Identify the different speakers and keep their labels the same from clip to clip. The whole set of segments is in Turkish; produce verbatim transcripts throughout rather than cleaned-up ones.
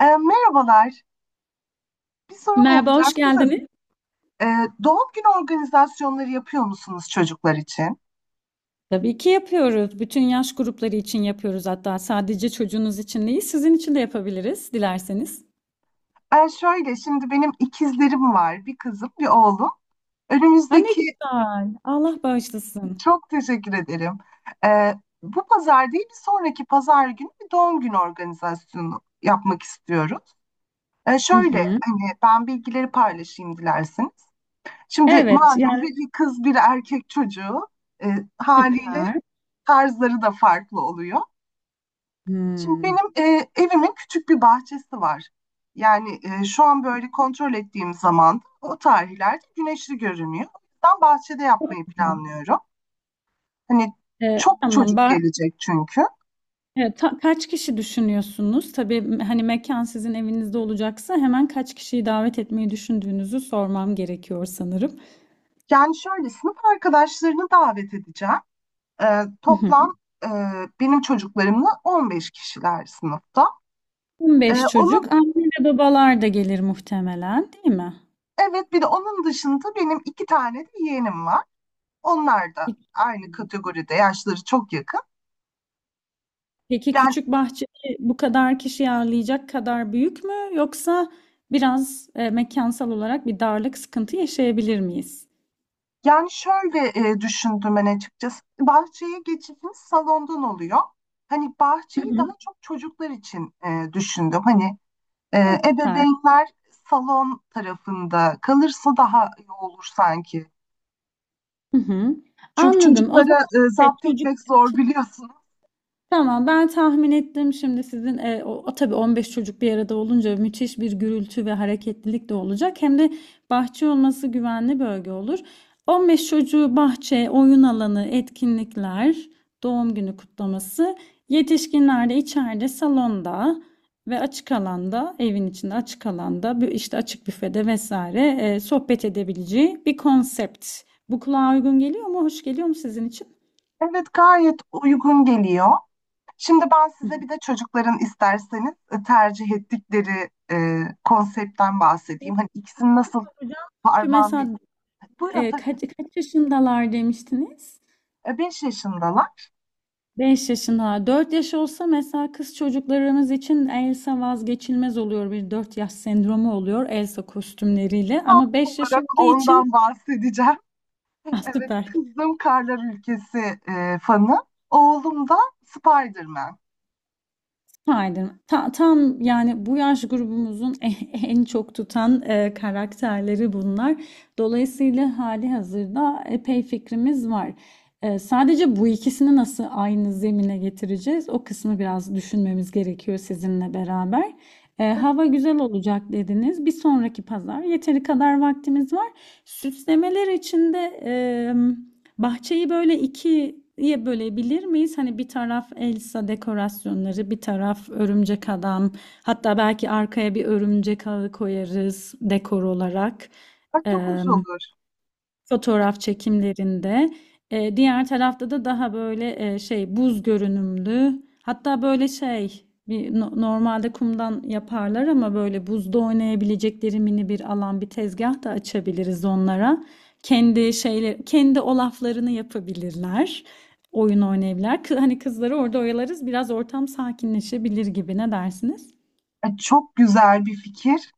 Speaker 1: E, merhabalar. Bir sorum
Speaker 2: Merhaba, hoş
Speaker 1: olacaktı da,
Speaker 2: geldiniz.
Speaker 1: e, doğum günü organizasyonları yapıyor musunuz çocuklar için?
Speaker 2: Tabii ki yapıyoruz. Bütün yaş grupları için yapıyoruz hatta. Sadece çocuğunuz için değil, sizin için de yapabiliriz dilerseniz.
Speaker 1: E, şöyle, şimdi benim ikizlerim var. Bir kızım, bir oğlum.
Speaker 2: Ha ne
Speaker 1: Önümüzdeki,
Speaker 2: güzel. Allah bağışlasın.
Speaker 1: çok teşekkür ederim. E, Bu pazar değil, bir sonraki pazar günü bir doğum günü organizasyonu yapmak istiyoruz. E,
Speaker 2: Hı
Speaker 1: şöyle,
Speaker 2: hı.
Speaker 1: hani ben bilgileri paylaşayım dilerseniz. Şimdi
Speaker 2: Evet,
Speaker 1: malum
Speaker 2: yani
Speaker 1: bir kız, bir erkek çocuğu e, haliyle
Speaker 2: süper.
Speaker 1: tarzları da farklı oluyor. Şimdi
Speaker 2: Hmm.
Speaker 1: benim e, evimin küçük bir bahçesi var. Yani e, şu an böyle kontrol ettiğim zaman o tarihlerde güneşli görünüyor. O yüzden bahçede yapmayı planlıyorum. Hani
Speaker 2: Ee,
Speaker 1: çok
Speaker 2: tamam.
Speaker 1: çocuk
Speaker 2: Ba
Speaker 1: gelecek çünkü.
Speaker 2: e, ta- kaç kişi düşünüyorsunuz? Tabii m- hani mekan sizin evinizde olacaksa hemen kaç kişiyi davet etmeyi düşündüğünüzü sormam gerekiyor sanırım.
Speaker 1: Yani şöyle sınıf arkadaşlarını davet edeceğim. E,
Speaker 2: Hı hı.
Speaker 1: toplam e, benim çocuklarımla on beş kişiler sınıfta. E,
Speaker 2: on beş
Speaker 1: onun
Speaker 2: çocuk, anne ve babalar da gelir muhtemelen, değil mi?
Speaker 1: evet bir de onun dışında benim iki tane de yeğenim var. Onlar da
Speaker 2: İki.
Speaker 1: aynı kategoride yaşları çok yakın.
Speaker 2: Peki
Speaker 1: Yani
Speaker 2: küçük bahçeyi bu kadar kişi ağırlayacak kadar büyük mü, yoksa biraz e, mekansal olarak bir darlık sıkıntı yaşayabilir miyiz?
Speaker 1: Yani şöyle e, düşündüm ben açıkçası. Bahçeye geçişimiz salondan oluyor. Hani
Speaker 2: Hı
Speaker 1: bahçeyi
Speaker 2: hı.
Speaker 1: daha çok çocuklar için e, düşündüm. Hani e,
Speaker 2: Ha, süper.
Speaker 1: ebeveynler salon tarafında kalırsa daha iyi olur sanki.
Speaker 2: Hı hı.
Speaker 1: Çünkü
Speaker 2: Anladım. O
Speaker 1: çocuklara
Speaker 2: zaman
Speaker 1: e,
Speaker 2: evet,
Speaker 1: zapt
Speaker 2: çocuk
Speaker 1: etmek zor biliyorsunuz.
Speaker 2: tamam, ben tahmin ettim şimdi sizin e, o, o tabii on beş çocuk bir arada olunca müthiş bir gürültü ve hareketlilik de olacak. Hem de bahçe olması güvenli bölge olur. on beş çocuğu bahçe, oyun alanı, etkinlikler, doğum günü kutlaması, yetişkinler de içeride salonda ve açık alanda, evin içinde açık alanda, bir- işte açık büfede vesaire e, sohbet edebileceği bir konsept. Bu kulağa uygun geliyor mu? Hoş geliyor mu sizin için?
Speaker 1: Evet, gayet uygun geliyor. Şimdi ben
Speaker 2: Hı.
Speaker 1: size bir de çocukların isterseniz e, tercih ettikleri e, konseptten bahsedeyim. Hani ikisini nasıl
Speaker 2: Hocam, çünkü
Speaker 1: harmanlı...
Speaker 2: mesela
Speaker 1: Buyurun
Speaker 2: Eee,
Speaker 1: tabii.
Speaker 2: kaç kaç yaşındalar demiştiniz?
Speaker 1: beş yaşındalar.
Speaker 2: Beş yaşındalar. Dört yaş olsa mesela kız çocuklarımız için Elsa vazgeçilmez oluyor. Bir dört yaş sendromu oluyor Elsa kostümleriyle.
Speaker 1: Tam
Speaker 2: Ama beş yaş
Speaker 1: olarak
Speaker 2: olduğu için
Speaker 1: ondan bahsedeceğim.
Speaker 2: ah,
Speaker 1: Evet,
Speaker 2: süper.
Speaker 1: kızım Karlar Ülkesi e, fanı. Oğlum da Spider-Man.
Speaker 2: Aydın. Ta- tam yani bu yaş grubumuzun en en çok tutan e, karakterleri bunlar. Dolayısıyla hali hazırda epey fikrimiz var. E, sadece bu ikisini nasıl aynı zemine getireceğiz? O kısmı biraz düşünmemiz gerekiyor sizinle beraber. E, hava güzel olacak dediniz. Bir sonraki pazar yeteri kadar vaktimiz var. Süslemeler için de bahçeyi böyle ikiye bölebilir miyiz? Hani bir taraf Elsa dekorasyonları, bir taraf örümcek adam. Hatta belki arkaya bir örümcek ağı koyarız dekor olarak.
Speaker 1: Bak çok hoş
Speaker 2: Eee,
Speaker 1: olur.
Speaker 2: Fotoğraf çekimlerinde. Eee, diğer tarafta da daha böyle eee, şey, buz görünümlü. Hatta böyle şey bir no- normalde kumdan yaparlar ama böyle buzda oynayabilecekleri mini bir alan, bir tezgah da açabiliriz onlara. Kendi şeyle kendi olaflarını yapabilirler. Oyun oynayabilirler. Kı- Hani kızları orada oyalarız. Biraz ortam sakinleşebilir gibi. Ne dersiniz?
Speaker 1: E, çok güzel bir fikir.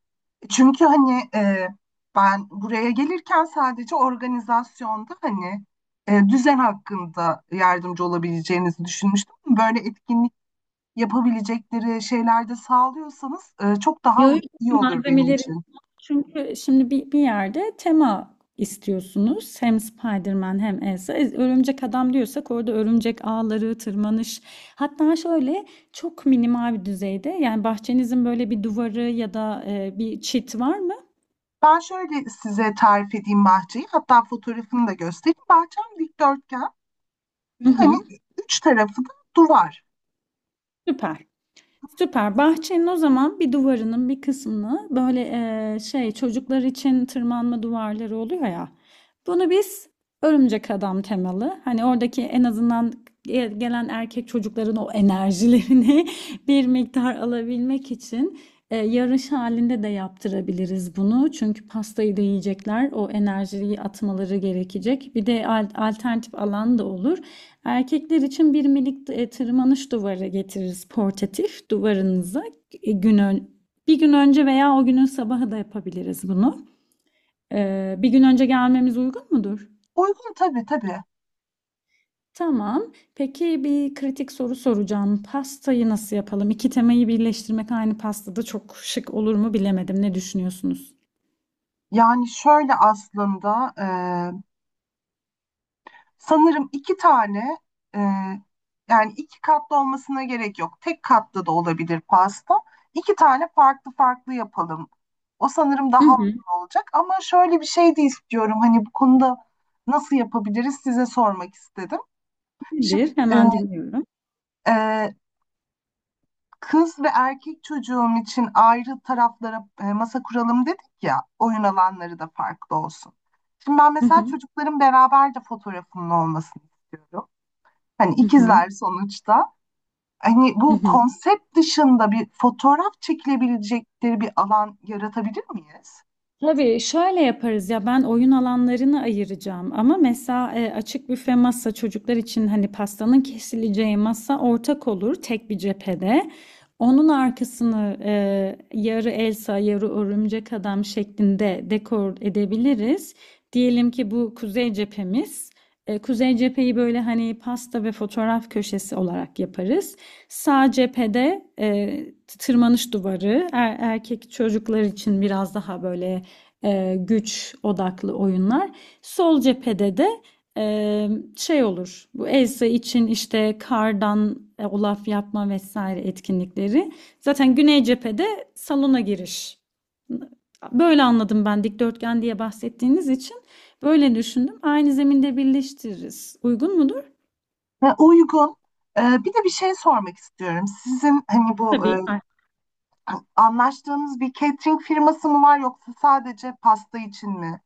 Speaker 1: Çünkü hani e, ben buraya gelirken sadece organizasyonda hani e, düzen hakkında yardımcı olabileceğinizi düşünmüştüm. Böyle etkinlik yapabilecekleri şeyler de sağlıyorsanız e, çok daha
Speaker 2: Yo, yo,
Speaker 1: iyi olur benim
Speaker 2: malzemeleri
Speaker 1: için.
Speaker 2: çünkü şimdi bir, bir yerde tema istiyorsunuz. Hem Spider-Man hem Elsa. E, Örümcek adam diyorsak orada örümcek ağları, tırmanış. Hatta şöyle çok minimal bir düzeyde. Yani bahçenizin böyle bir duvarı ya da e, bir çit var mı?
Speaker 1: Ben şöyle size tarif edeyim bahçeyi. Hatta fotoğrafını da göstereyim. Bahçem dikdörtgen ve
Speaker 2: Hı hı.
Speaker 1: hani üç tarafı da duvar.
Speaker 2: Süper. Süper. Bahçenin o zaman bir duvarının bir kısmını böyle, eee, şey, çocuklar için tırmanma duvarları oluyor ya. Bunu biz örümcek adam temalı. Hani oradaki en azından ge- gelen erkek çocukların o enerjilerini bir miktar alabilmek için eee, yarış halinde de yaptırabiliriz bunu. Çünkü pastayı da yiyecekler. O enerjiyi atmaları gerekecek. Bir de al- alternatif alan da olur. Erkekler için bir minik e, tırmanış duvarı getiririz portatif duvarınıza. E, Gün Bir gün önce veya o günün sabahı da yapabiliriz bunu. E, bir gün önce gelmemiz uygun mudur?
Speaker 1: Uygun, tabii tabii.
Speaker 2: Tamam. Peki, bir kritik soru soracağım. Pastayı nasıl yapalım? İki temayı birleştirmek aynı pastada çok şık olur mu, bilemedim. Ne düşünüyorsunuz?
Speaker 1: Yani şöyle aslında sanırım iki tane e, yani iki katlı olmasına gerek yok. Tek katlı da olabilir pasta. İki tane farklı farklı yapalım. O sanırım
Speaker 2: Hı
Speaker 1: daha
Speaker 2: hı.
Speaker 1: uygun olacak. Ama şöyle bir şey de istiyorum. Hani bu konuda nasıl yapabiliriz size sormak istedim.
Speaker 2: Nedir?
Speaker 1: Şimdi e,
Speaker 2: Hemen dinliyorum.
Speaker 1: e, kız ve erkek çocuğum için ayrı taraflara e, masa kuralım dedik ya. Oyun alanları da farklı olsun. Şimdi ben
Speaker 2: Hı
Speaker 1: mesela
Speaker 2: hı.
Speaker 1: çocukların beraber de fotoğrafımın olmasını istiyorum. Hani
Speaker 2: Hı hı.
Speaker 1: ikizler sonuçta. Hani
Speaker 2: Hı
Speaker 1: bu
Speaker 2: hı.
Speaker 1: konsept dışında bir fotoğraf çekilebilecekleri bir alan yaratabilir miyiz?
Speaker 2: Tabii şöyle yaparız ya, ben oyun alanlarını ayıracağım ama mesela e, açık büfe masa, çocuklar için hani pastanın kesileceği masa ortak olur tek bir cephede. Onun arkasını e, yarı Elsa yarı örümcek adam şeklinde dekor edebiliriz. Diyelim ki bu kuzey cephemiz. E, kuzey cepheyi böyle hani pasta ve fotoğraf köşesi olarak yaparız. Sağ cephede e, tırmanış duvarı, er- erkek çocuklar için biraz daha böyle e, güç odaklı oyunlar. Sol cephede de e, şey olur. Bu Elsa için işte kardan e, olaf yapma vesaire etkinlikleri. Zaten güney cephede salona giriş. Böyle anladım ben, dikdörtgen diye bahsettiğiniz için. Böyle düşündüm. Aynı zeminde birleştiririz. Uygun mudur?
Speaker 1: Ve uygun. Ee, bir de bir şey sormak istiyorum. Sizin hani bu
Speaker 2: Tabii.
Speaker 1: e, anlaştığınız bir catering firması mı var yoksa sadece pasta için mi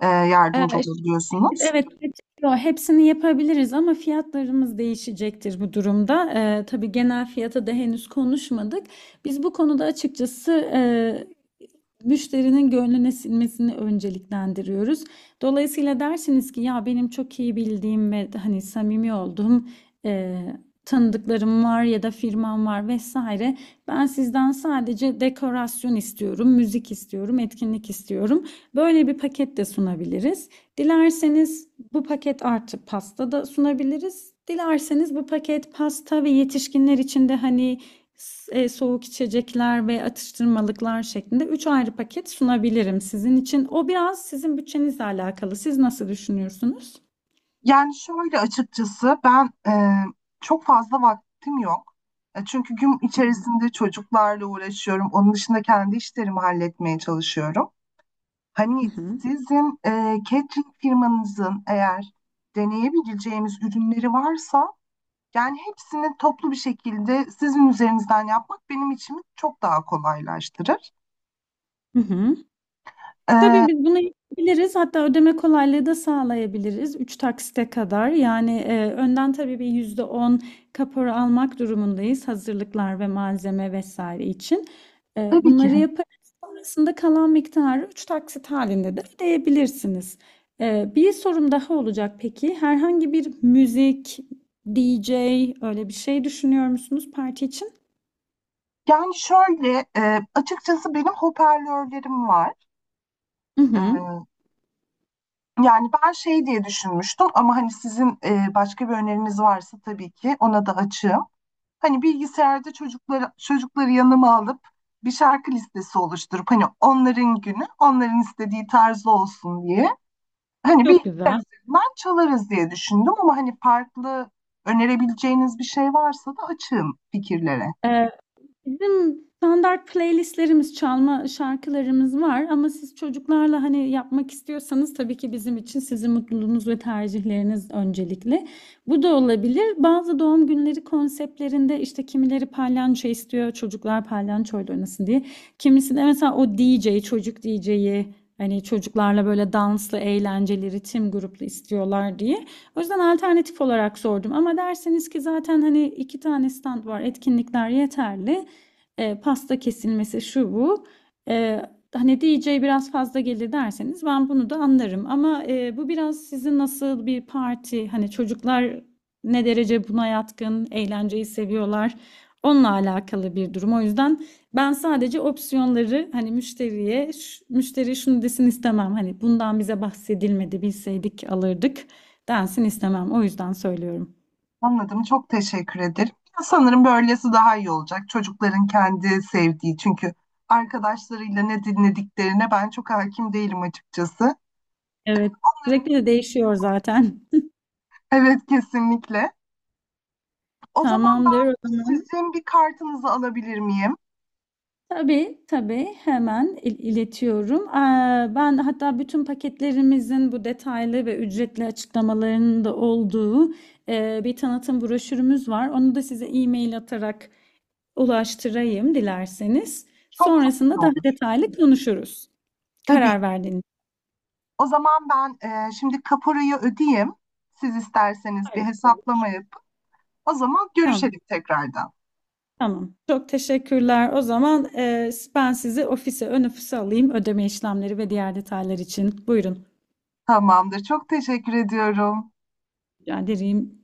Speaker 1: e, yardımcı
Speaker 2: Ee,
Speaker 1: olabiliyorsunuz?
Speaker 2: Evet, petrol, hepsini yapabiliriz ama fiyatlarımız değişecektir bu durumda. Ee, tabii genel fiyata da henüz konuşmadık. Biz bu konuda açıkçası e, müşterinin gönlüne sinmesini önceliklendiriyoruz. Dolayısıyla dersiniz ki ya benim çok iyi bildiğim ve hani samimi olduğum e, tanıdıklarım var ya da firmam var vesaire. Ben sizden sadece dekorasyon istiyorum, müzik istiyorum, etkinlik istiyorum. Böyle bir paket de sunabiliriz. Dilerseniz bu paket artı pasta da sunabiliriz. Dilerseniz bu paket, pasta ve yetişkinler için de hani e, soğuk içecekler ve atıştırmalıklar şeklinde üç ayrı paket sunabilirim sizin için. O biraz sizin bütçenizle alakalı. Siz nasıl düşünüyorsunuz?
Speaker 1: Yani şöyle açıkçası ben e, çok fazla vaktim yok. E, Çünkü gün içerisinde çocuklarla uğraşıyorum. Onun dışında kendi işlerimi halletmeye çalışıyorum.
Speaker 2: Hı
Speaker 1: Hani
Speaker 2: hı.
Speaker 1: sizin e, catering firmanızın eğer deneyebileceğimiz ürünleri varsa yani hepsini toplu bir şekilde sizin üzerinizden yapmak benim için çok daha kolaylaştırır.
Speaker 2: Hı hı.
Speaker 1: E,
Speaker 2: Tabii biz bunu yapabiliriz. Hatta ödeme kolaylığı da sağlayabiliriz üç taksite kadar. Yani, eee, önden tabii bir yüzde on kapora almak durumundayız hazırlıklar ve malzeme vesaire için. Eee,
Speaker 1: tabii ki.
Speaker 2: bunları yaparız. Sonrasında kalan miktarı üç taksit halinde de ödeyebilirsiniz. Eee, bir sorum daha olacak peki. Herhangi bir müzik, D J, öyle bir şey düşünüyor musunuz parti için?
Speaker 1: Yani şöyle e, açıkçası benim hoparlörlerim var.
Speaker 2: I
Speaker 1: E,
Speaker 2: hı.
Speaker 1: Yani ben şey diye düşünmüştüm ama hani sizin e, başka bir öneriniz varsa tabii ki ona da açığım. Hani bilgisayarda çocukları çocukları yanıma alıp bir şarkı listesi oluşturup hani onların günü onların istediği tarzda olsun diye hani
Speaker 2: Çok
Speaker 1: bilgisayar
Speaker 2: güzel.
Speaker 1: üzerinden çalarız diye düşündüm ama hani farklı önerebileceğiniz bir şey varsa da açığım fikirlere.
Speaker 2: Bizim standart playlistlerimiz, çalma şarkılarımız var ama siz çocuklarla hani yapmak istiyorsanız, tabii ki bizim için sizin mutluluğunuz ve tercihleriniz öncelikli. Bu da olabilir. Bazı doğum günleri konseptlerinde işte kimileri palyanço istiyor, çocuklar palyançoyla oynasın diye. Kimisi de mesela o D J, çocuk D J'yi hani çocuklarla böyle danslı, eğlenceli, ritim gruplu istiyorlar diye. O yüzden alternatif olarak sordum ama derseniz ki zaten hani iki tane stand var, etkinlikler yeterli, e, pasta kesilmesi şu bu. E, Hani D J biraz fazla gelir derseniz, ben bunu da anlarım. Ama e, bu biraz sizin nasıl bir parti, hani çocuklar ne derece buna yatkın, eğlenceyi seviyorlar. Onunla alakalı bir durum. O yüzden ben sadece opsiyonları hani müşteriye, müşteri şunu desin istemem. Hani bundan bize bahsedilmedi, bilseydik alırdık densin istemem. O yüzden söylüyorum.
Speaker 1: Anladım. Çok teşekkür ederim. Sanırım böylesi daha iyi olacak. Çocukların kendi sevdiği çünkü arkadaşlarıyla ne dinlediklerine ben çok hakim değilim açıkçası.
Speaker 2: Evet.
Speaker 1: Onların,
Speaker 2: Sürekli de değişiyor zaten.
Speaker 1: evet kesinlikle. O zaman
Speaker 2: Tamamdır
Speaker 1: ben
Speaker 2: o zaman.
Speaker 1: sizin bir kartınızı alabilir miyim?
Speaker 2: Tabii, tabii. Hemen il- iletiyorum. Eee, ben hatta bütün paketlerimizin bu detaylı ve ücretli açıklamalarının da olduğu eee, bir tanıtım broşürümüz var. Onu da size e-mail atarak ulaştırayım dilerseniz.
Speaker 1: Çok çok iyi
Speaker 2: Sonrasında daha
Speaker 1: olur.
Speaker 2: detaylı konuşuruz.
Speaker 1: Tabii ki.
Speaker 2: Karar verdiğiniz.
Speaker 1: O zaman ben e, şimdi kaporayı ödeyeyim. Siz isterseniz bir
Speaker 2: Harika.
Speaker 1: hesaplama yapın. O zaman
Speaker 2: Tamam,
Speaker 1: görüşelim tekrardan.
Speaker 2: tamam. Çok teşekkürler. O zaman eee, ben sizi ofise, ön ofise alayım ödeme işlemleri ve diğer detaylar için. Buyurun.
Speaker 1: Tamamdır. Çok teşekkür ediyorum.
Speaker 2: Rica ederim.